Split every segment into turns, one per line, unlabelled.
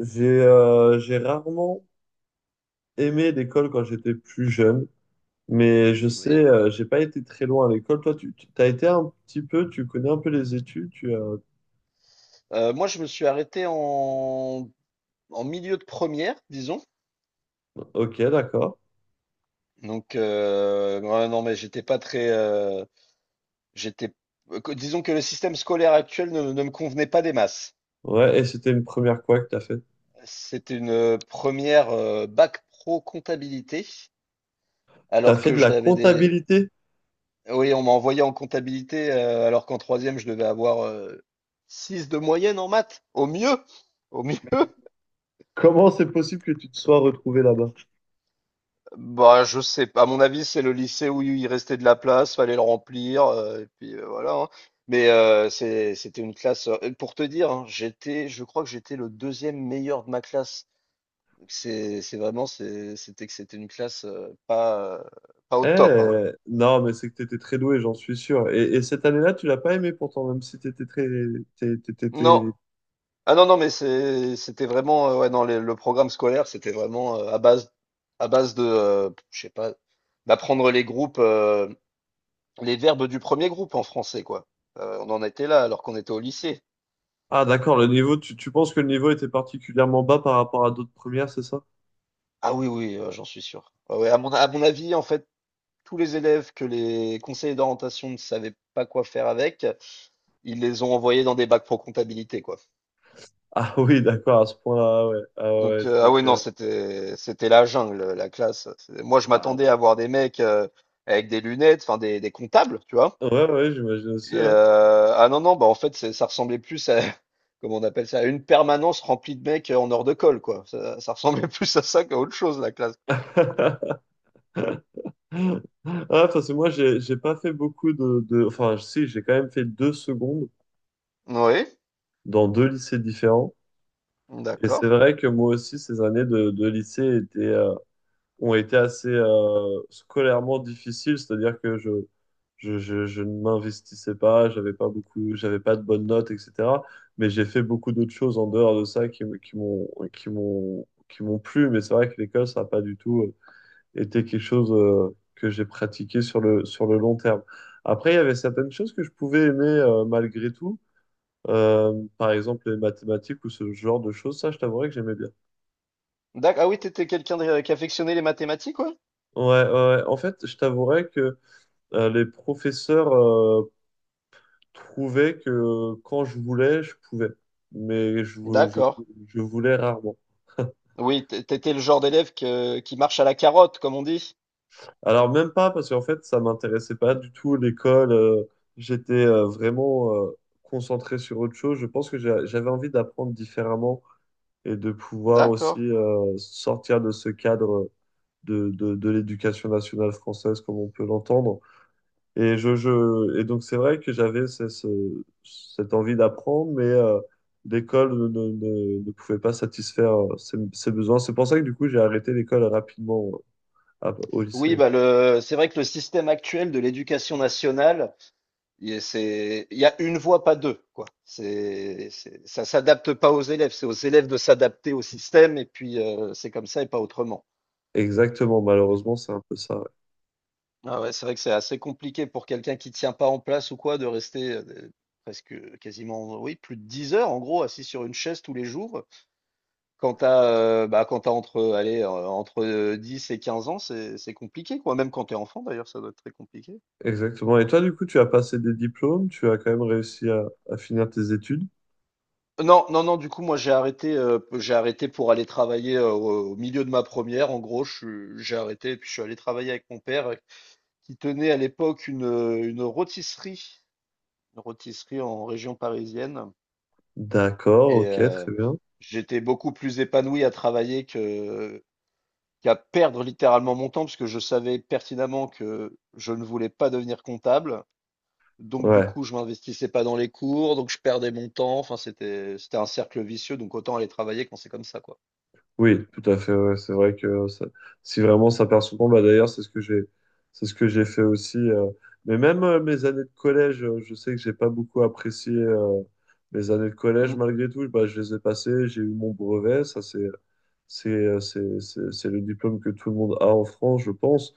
J'ai rarement aimé l'école quand j'étais plus jeune, mais je sais,
Oui.
j'ai pas été très loin à l'école. Toi, tu as été un petit peu, tu connais un peu les études, tu as...
Moi, je me suis arrêté en milieu de première, disons.
Ok, d'accord.
Donc, ouais, non, mais j'étais pas très. J'étais, Disons que le système scolaire actuel ne me convenait pas des masses.
Ouais, et c'était une première quoi que t'as fait?
C'était une première bac pro comptabilité,
T'as
alors
fait
que
de
je
la
l'avais des.
comptabilité?
Oui, on m'a envoyé en comptabilité, alors qu'en troisième, je devais avoir 6 de moyenne en maths, au mieux. Au mieux.
Comment c'est possible que tu te sois retrouvé là-bas?
Bah, je sais pas. À mon avis, c'est le lycée où il restait de la place, fallait le remplir, et puis, voilà, hein. Mais, c'était une classe, pour te dire, hein, j'étais je crois que j'étais le deuxième meilleur de ma classe. C'est vraiment. C'est c'était que c'était une classe, pas au top, hein.
Eh, non, mais c'est que t'étais très doué, j'en suis sûr. Et cette année-là, tu l'as pas aimé pourtant, même si t'étais très... t'é- t'é- t'étais-
Non. Ah non, non, mais c'était vraiment, ouais, non, les le programme scolaire, c'était vraiment, à base de, je sais pas, d'apprendre les groupes, les verbes du premier groupe en français, quoi. On en était là alors qu'on était au lycée.
Ah, d'accord, le niveau, tu penses que le niveau était particulièrement bas par rapport à d'autres premières, c'est ça?
Ah oui, oui, j'en suis sûr. Ah ouais, à mon avis, en fait, tous les élèves que les conseillers d'orientation ne savaient pas quoi faire avec, ils les ont envoyés dans des bacs pro comptabilité, quoi.
Ah oui, d'accord, à ce point-là, ah ouais. Ah ouais,
Donc, ah
donc,
oui, non, c'était la jungle, la classe. Moi, je m'attendais
ah
à voir des mecs avec des lunettes, enfin, des comptables, tu vois.
ouais, ouais, j'imagine aussi,
Et,
ouais.
ah non, non, bah en fait, ça ressemblait plus à, comment on appelle ça, à une permanence remplie de mecs en hors de colle, quoi. Ça ressemblait plus à ça qu'à autre chose, la classe.
Ah, parce que moi, j'ai pas fait beaucoup de... Enfin, si, j'ai quand même fait deux secondes
Oui,
dans deux lycées différents. Et c'est
d'accord.
vrai que moi aussi, ces années de lycée étaient... ont été assez scolairement difficiles, c'est-à-dire que je ne m'investissais pas, j'avais pas de bonnes notes, etc. Mais j'ai fait beaucoup d'autres choses en dehors de ça qui, m- qui m'ont, qui m'ont, qui m'ont plu. Mais c'est vrai que l'école, ça n'a pas du tout été quelque chose que j'ai pratiqué sur le long terme. Après, il y avait certaines choses que je pouvais aimer malgré tout. Par exemple, les mathématiques ou ce genre de choses, ça, je t'avouerais que j'aimais bien.
Ah oui, t'étais quelqu'un qui affectionnait les mathématiques, ouais?
Ouais, ouais, ouais. En fait, je t'avouerais que les professeurs trouvaient que quand je voulais, je pouvais, mais
D'accord.
je voulais rarement.
Oui, t'étais le genre d'élève qui marche à la carotte, comme on dit.
Alors même pas parce qu'en fait, ça m'intéressait pas du tout l'école. J'étais vraiment concentré sur autre chose. Je pense que j'avais envie d'apprendre différemment et de pouvoir aussi
D'accord.
sortir de ce cadre de l'éducation nationale française comme on peut l'entendre. Et donc, c'est vrai que j'avais cette envie d'apprendre, mais l'école ne pouvait pas satisfaire ces besoins. C'est pour ça que, du coup, j'ai arrêté l'école rapidement au
Oui,
lycée.
bah, c'est vrai que le système actuel de l'éducation nationale. Il y a une voix, pas deux, quoi. Ça s'adapte pas aux élèves, c'est aux élèves de s'adapter au système, et puis c'est comme ça et pas autrement.
Exactement, malheureusement, c'est un peu ça. Ouais.
Ah ouais, c'est vrai que c'est assez compliqué pour quelqu'un qui tient pas en place ou quoi de rester presque quasiment, oui, plus de 10 heures en gros assis sur une chaise tous les jours. Quand t'as, bah, quand t'as entre 10 et 15 ans, c'est compliqué, quoi. Même quand t'es enfant, d'ailleurs, ça doit être très compliqué.
Exactement. Et toi, du coup, tu as passé des diplômes, tu as quand même réussi à finir tes études.
Non, non, non, du coup, moi, j'ai arrêté pour aller travailler au milieu de ma première. En gros, j'ai arrêté et puis je suis allé travailler avec mon père qui tenait à l'époque une rôtisserie, une rôtisserie en région parisienne.
D'accord,
Et
ok,
euh,
très bien.
j'étais beaucoup plus épanoui à travailler qu'à perdre littéralement mon temps parce que je savais pertinemment que je ne voulais pas devenir comptable. Donc, du
Ouais.
coup, je m'investissais pas dans les cours, donc je perdais mon temps. Enfin, c'était un cercle vicieux, donc autant aller travailler quand c'est comme ça, quoi.
Oui, tout à fait. Ouais. C'est vrai que ça- si vraiment ça perd son temps, bah d'ailleurs, c'est ce que j'ai fait aussi. Mais même mes années de collège, je sais que j'ai pas beaucoup apprécié mes années de collège
Mm.
malgré tout. Bah, je les ai passées, j'ai eu mon brevet. Ça, c'est le diplôme que tout le monde a en France, je pense.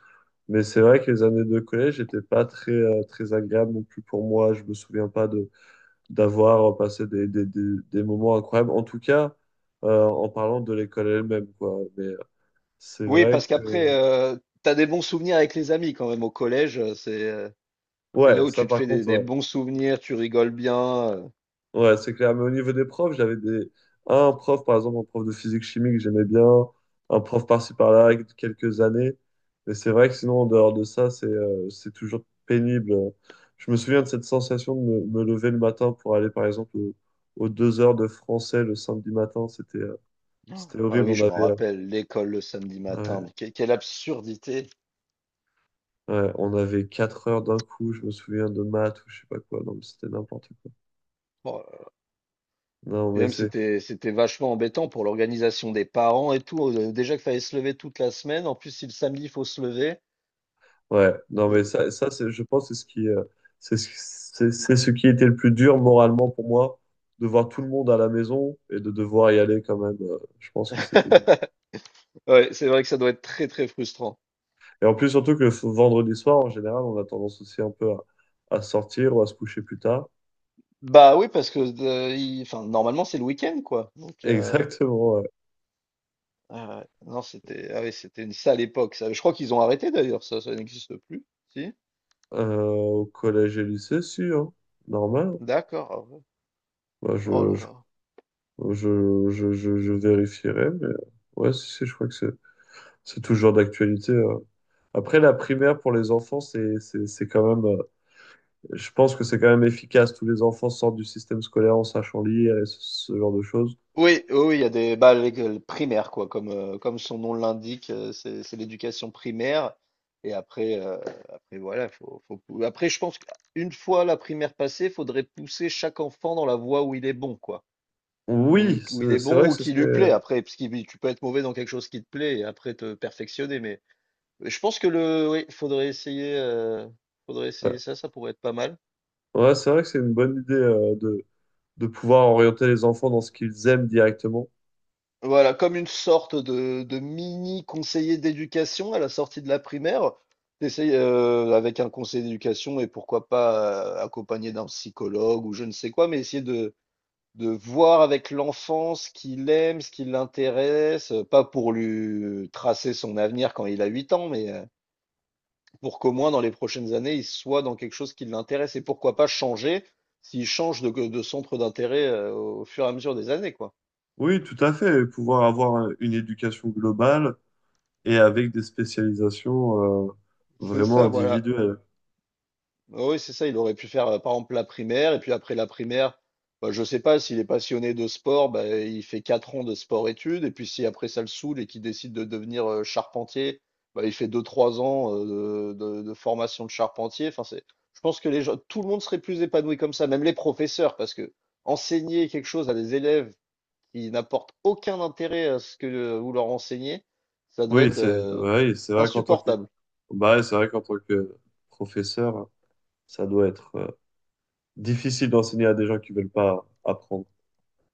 Mais c'est vrai que les années de collège n'étaient pas très, très agréables non plus pour moi. Je me souviens pas de D'avoir passé des moments incroyables, en tout cas en parlant de l'école elle-même, quoi. Mais c'est
Oui,
vrai
parce qu'après,
que...
t'as des bons souvenirs avec les amis quand même au collège. C'est là
Ouais,
où
ça
tu te
par
fais des,
contre,
des
ouais.
bons souvenirs, tu rigoles bien.
Ouais, c'est clair. Mais au niveau des profs, j'avais des... un prof, par exemple, un prof de physique-chimie que j'aimais bien, un prof par-ci par-là, avec quelques années. Mais c'est vrai que sinon, en dehors de ça, c'est toujours pénible. Je me souviens de cette sensation de me lever le matin pour aller, par exemple, aux deux heures de français le samedi matin.
Oh.
C'était
Ah
horrible.
oui,
On
je m'en
avait...
rappelle, l'école le samedi
ouais.
matin. Quelle absurdité.
Ouais, on avait 4 heures d'un coup, je me souviens de maths ou je sais pas quoi. Non, mais c'était n'importe quoi.
Bon,
Non,
et
mais
même
c'est
c'était vachement embêtant pour l'organisation des parents et tout. Déjà qu'il fallait se lever toute la semaine. En plus, si le samedi, il faut se lever.
Ouais, non
euh,
mais ça ça c'est je pense c'est ce qui c'est ce, c'est ce qui était le plus dur moralement pour moi de voir tout le monde à la maison et de devoir y aller quand même. Je pense que c'était dur.
Ouais, c'est vrai que ça doit être très très frustrant.
Et en plus surtout que le vendredi soir en général, on a tendance aussi un peu à sortir ou à se coucher plus tard.
Bah oui, parce que enfin, normalement c'est le week-end quoi. Donc.
Exactement. Ouais.
Ah ouais. Non, c'était ah oui, c'était une sale époque, ça. Je crois qu'ils ont arrêté d'ailleurs, ça n'existe plus. Si?
Au collège et lycée, si, hein, normal.
D'accord. Ah ouais.
Moi,
Oh là là.
Je vérifierai, mais ouais, si, je crois que c'est toujours d'actualité. Après, la primaire pour les enfants, c'est quand même, je pense que c'est quand même efficace. Tous les enfants sortent du système scolaire en sachant lire et ce genre de choses.
Oui, oui, oui, il y a des bah, l'école primaire, quoi, comme, comme son nom l'indique, c'est l'éducation primaire. Et après, voilà. Après, je pense qu'une fois la primaire passée, faudrait pousser chaque enfant dans la voie où il est bon, quoi. Où,
Oui,
où il est
c'est vrai
bon
que
ou
ce
qui lui
serait,
plaît. Après, parce que tu peux être mauvais dans quelque chose qui te plaît et après te perfectionner, mais. Je pense que oui, faudrait essayer
euh,
ça, ça pourrait être pas mal.
ouais, c'est vrai que c'est une bonne idée, de pouvoir orienter les enfants dans ce qu'ils aiment directement.
Voilà, comme une sorte de, mini conseiller d'éducation à la sortie de la primaire. T'essayes avec un conseiller d'éducation et pourquoi pas accompagné d'un psychologue ou je ne sais quoi, mais essayer de voir avec l'enfant ce qu'il aime, ce qui l'intéresse, pas pour lui tracer son avenir quand il a 8 ans, mais pour qu'au moins dans les prochaines années, il soit dans quelque chose qui l'intéresse et pourquoi pas changer s'il change de centre d'intérêt au fur et à mesure des années, quoi.
Oui, tout à fait. Et pouvoir avoir une éducation globale et avec des spécialisations,
C'est
vraiment
ça, voilà.
individuelles.
Ah oui, c'est ça. Il aurait pu faire, par exemple, la primaire et puis après la primaire, bah, je sais pas, s'il est passionné de sport, bah, il fait 4 ans de sport-études et puis si après ça le saoule et qu'il décide de devenir charpentier, bah, il fait 2, 3 ans de formation de charpentier. Enfin, je pense que les gens, tout le monde serait plus épanoui comme ça, même les professeurs, parce que enseigner quelque chose à des élèves qui n'apportent aucun intérêt à ce que vous leur enseignez, ça doit être
C'est vrai qu'en tant que
insupportable.
bah, ouais, c'est vrai qu'en tant que professeur, ça doit être difficile d'enseigner à des gens qui veulent pas apprendre.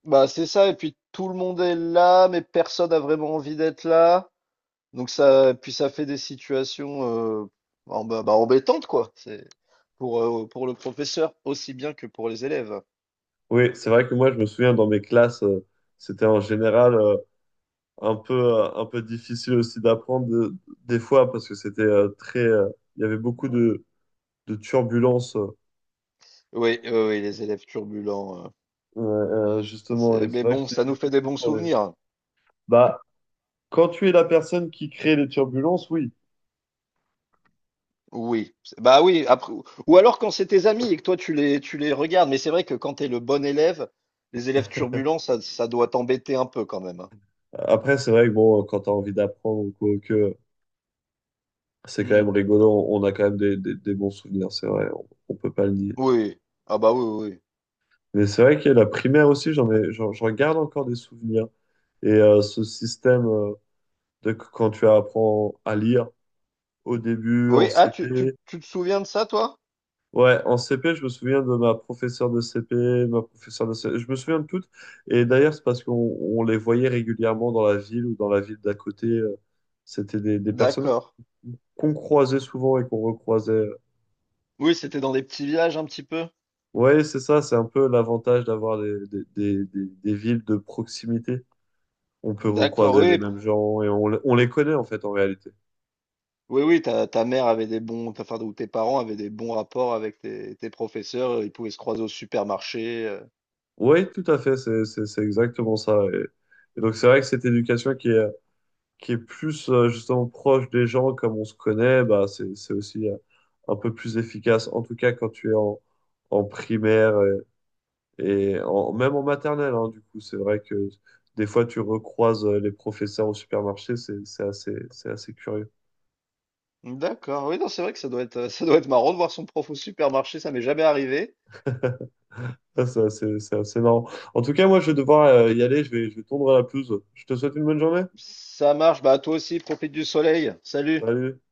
Bah, c'est ça, et puis tout le monde est là, mais personne n'a vraiment envie d'être là. Donc ça, puis ça fait des situations bah, bah, embêtantes, quoi. C'est pour le professeur aussi bien que pour les élèves.
Oui, c'est vrai que moi, je me souviens dans mes classes, c'était en général un peu difficile aussi des fois parce que c'était très il y avait beaucoup de turbulences
Oui, oui, oui, les élèves turbulents.
justement et
Mais
c'est vrai que
bon,
c'était
ça nous fait des
difficile
bons
pour les
souvenirs.
bah quand tu es la personne qui crée les turbulences, oui.
Oui, bah oui, après, ou alors quand c'est tes amis et que toi tu les regardes, mais c'est vrai que quand t'es le bon élève, les élèves turbulents, ça doit t'embêter un peu quand même. Hein.
Après, c'est vrai que bon, quand tu as envie d'apprendre ou quoi, que c'est quand
Mm.
même rigolo, on a quand même des bons souvenirs, c'est vrai, on peut pas le nier.
Oui, ah bah oui, oui.
Mais c'est vrai que la primaire aussi, j'en garde encore des souvenirs. Et ce système quand tu apprends à lire au début,
Oui,
en
oui, ah,
CP.
tu te souviens de ça, toi?
Ouais, en CP, je me souviens de ma professeure de CP, de ma professeure de CE. Je me souviens de toutes. Et d'ailleurs, c'est parce qu'on les voyait régulièrement dans la ville ou dans la ville d'à côté. C'était des personnes
D'accord.
qu'on croisait souvent et qu'on recroisait.
Oui, c'était dans des petits villages un petit peu.
Ouais, c'est ça, c'est un peu l'avantage d'avoir des villes de proximité. On peut
D'accord,
recroiser les
oui,
mêmes gens et on les connaît en fait en réalité.
oui, oui, ta mère avait enfin, ou tes parents avaient des bons rapports avec tes professeurs, ils pouvaient se croiser au supermarché.
Oui, tout à fait, c'est exactement ça. Et donc c'est vrai que cette éducation qui est plus justement proche des gens comme on se connaît, bah, c'est aussi un peu plus efficace, en tout cas quand tu es en, en primaire et en, même en maternelle. Hein, du coup, c'est vrai que des fois tu recroises les professeurs au supermarché, c'est assez curieux.
D'accord, oui, non, c'est vrai que ça doit être, ça doit être marrant de voir son prof au supermarché, ça m'est jamais arrivé.
C'est c'est assez marrant. En tout cas, moi, je vais devoir y aller. Je vais tondre la pelouse. Je te souhaite une bonne journée.
Ça marche, bah toi aussi, profite du soleil. Salut.
Salut.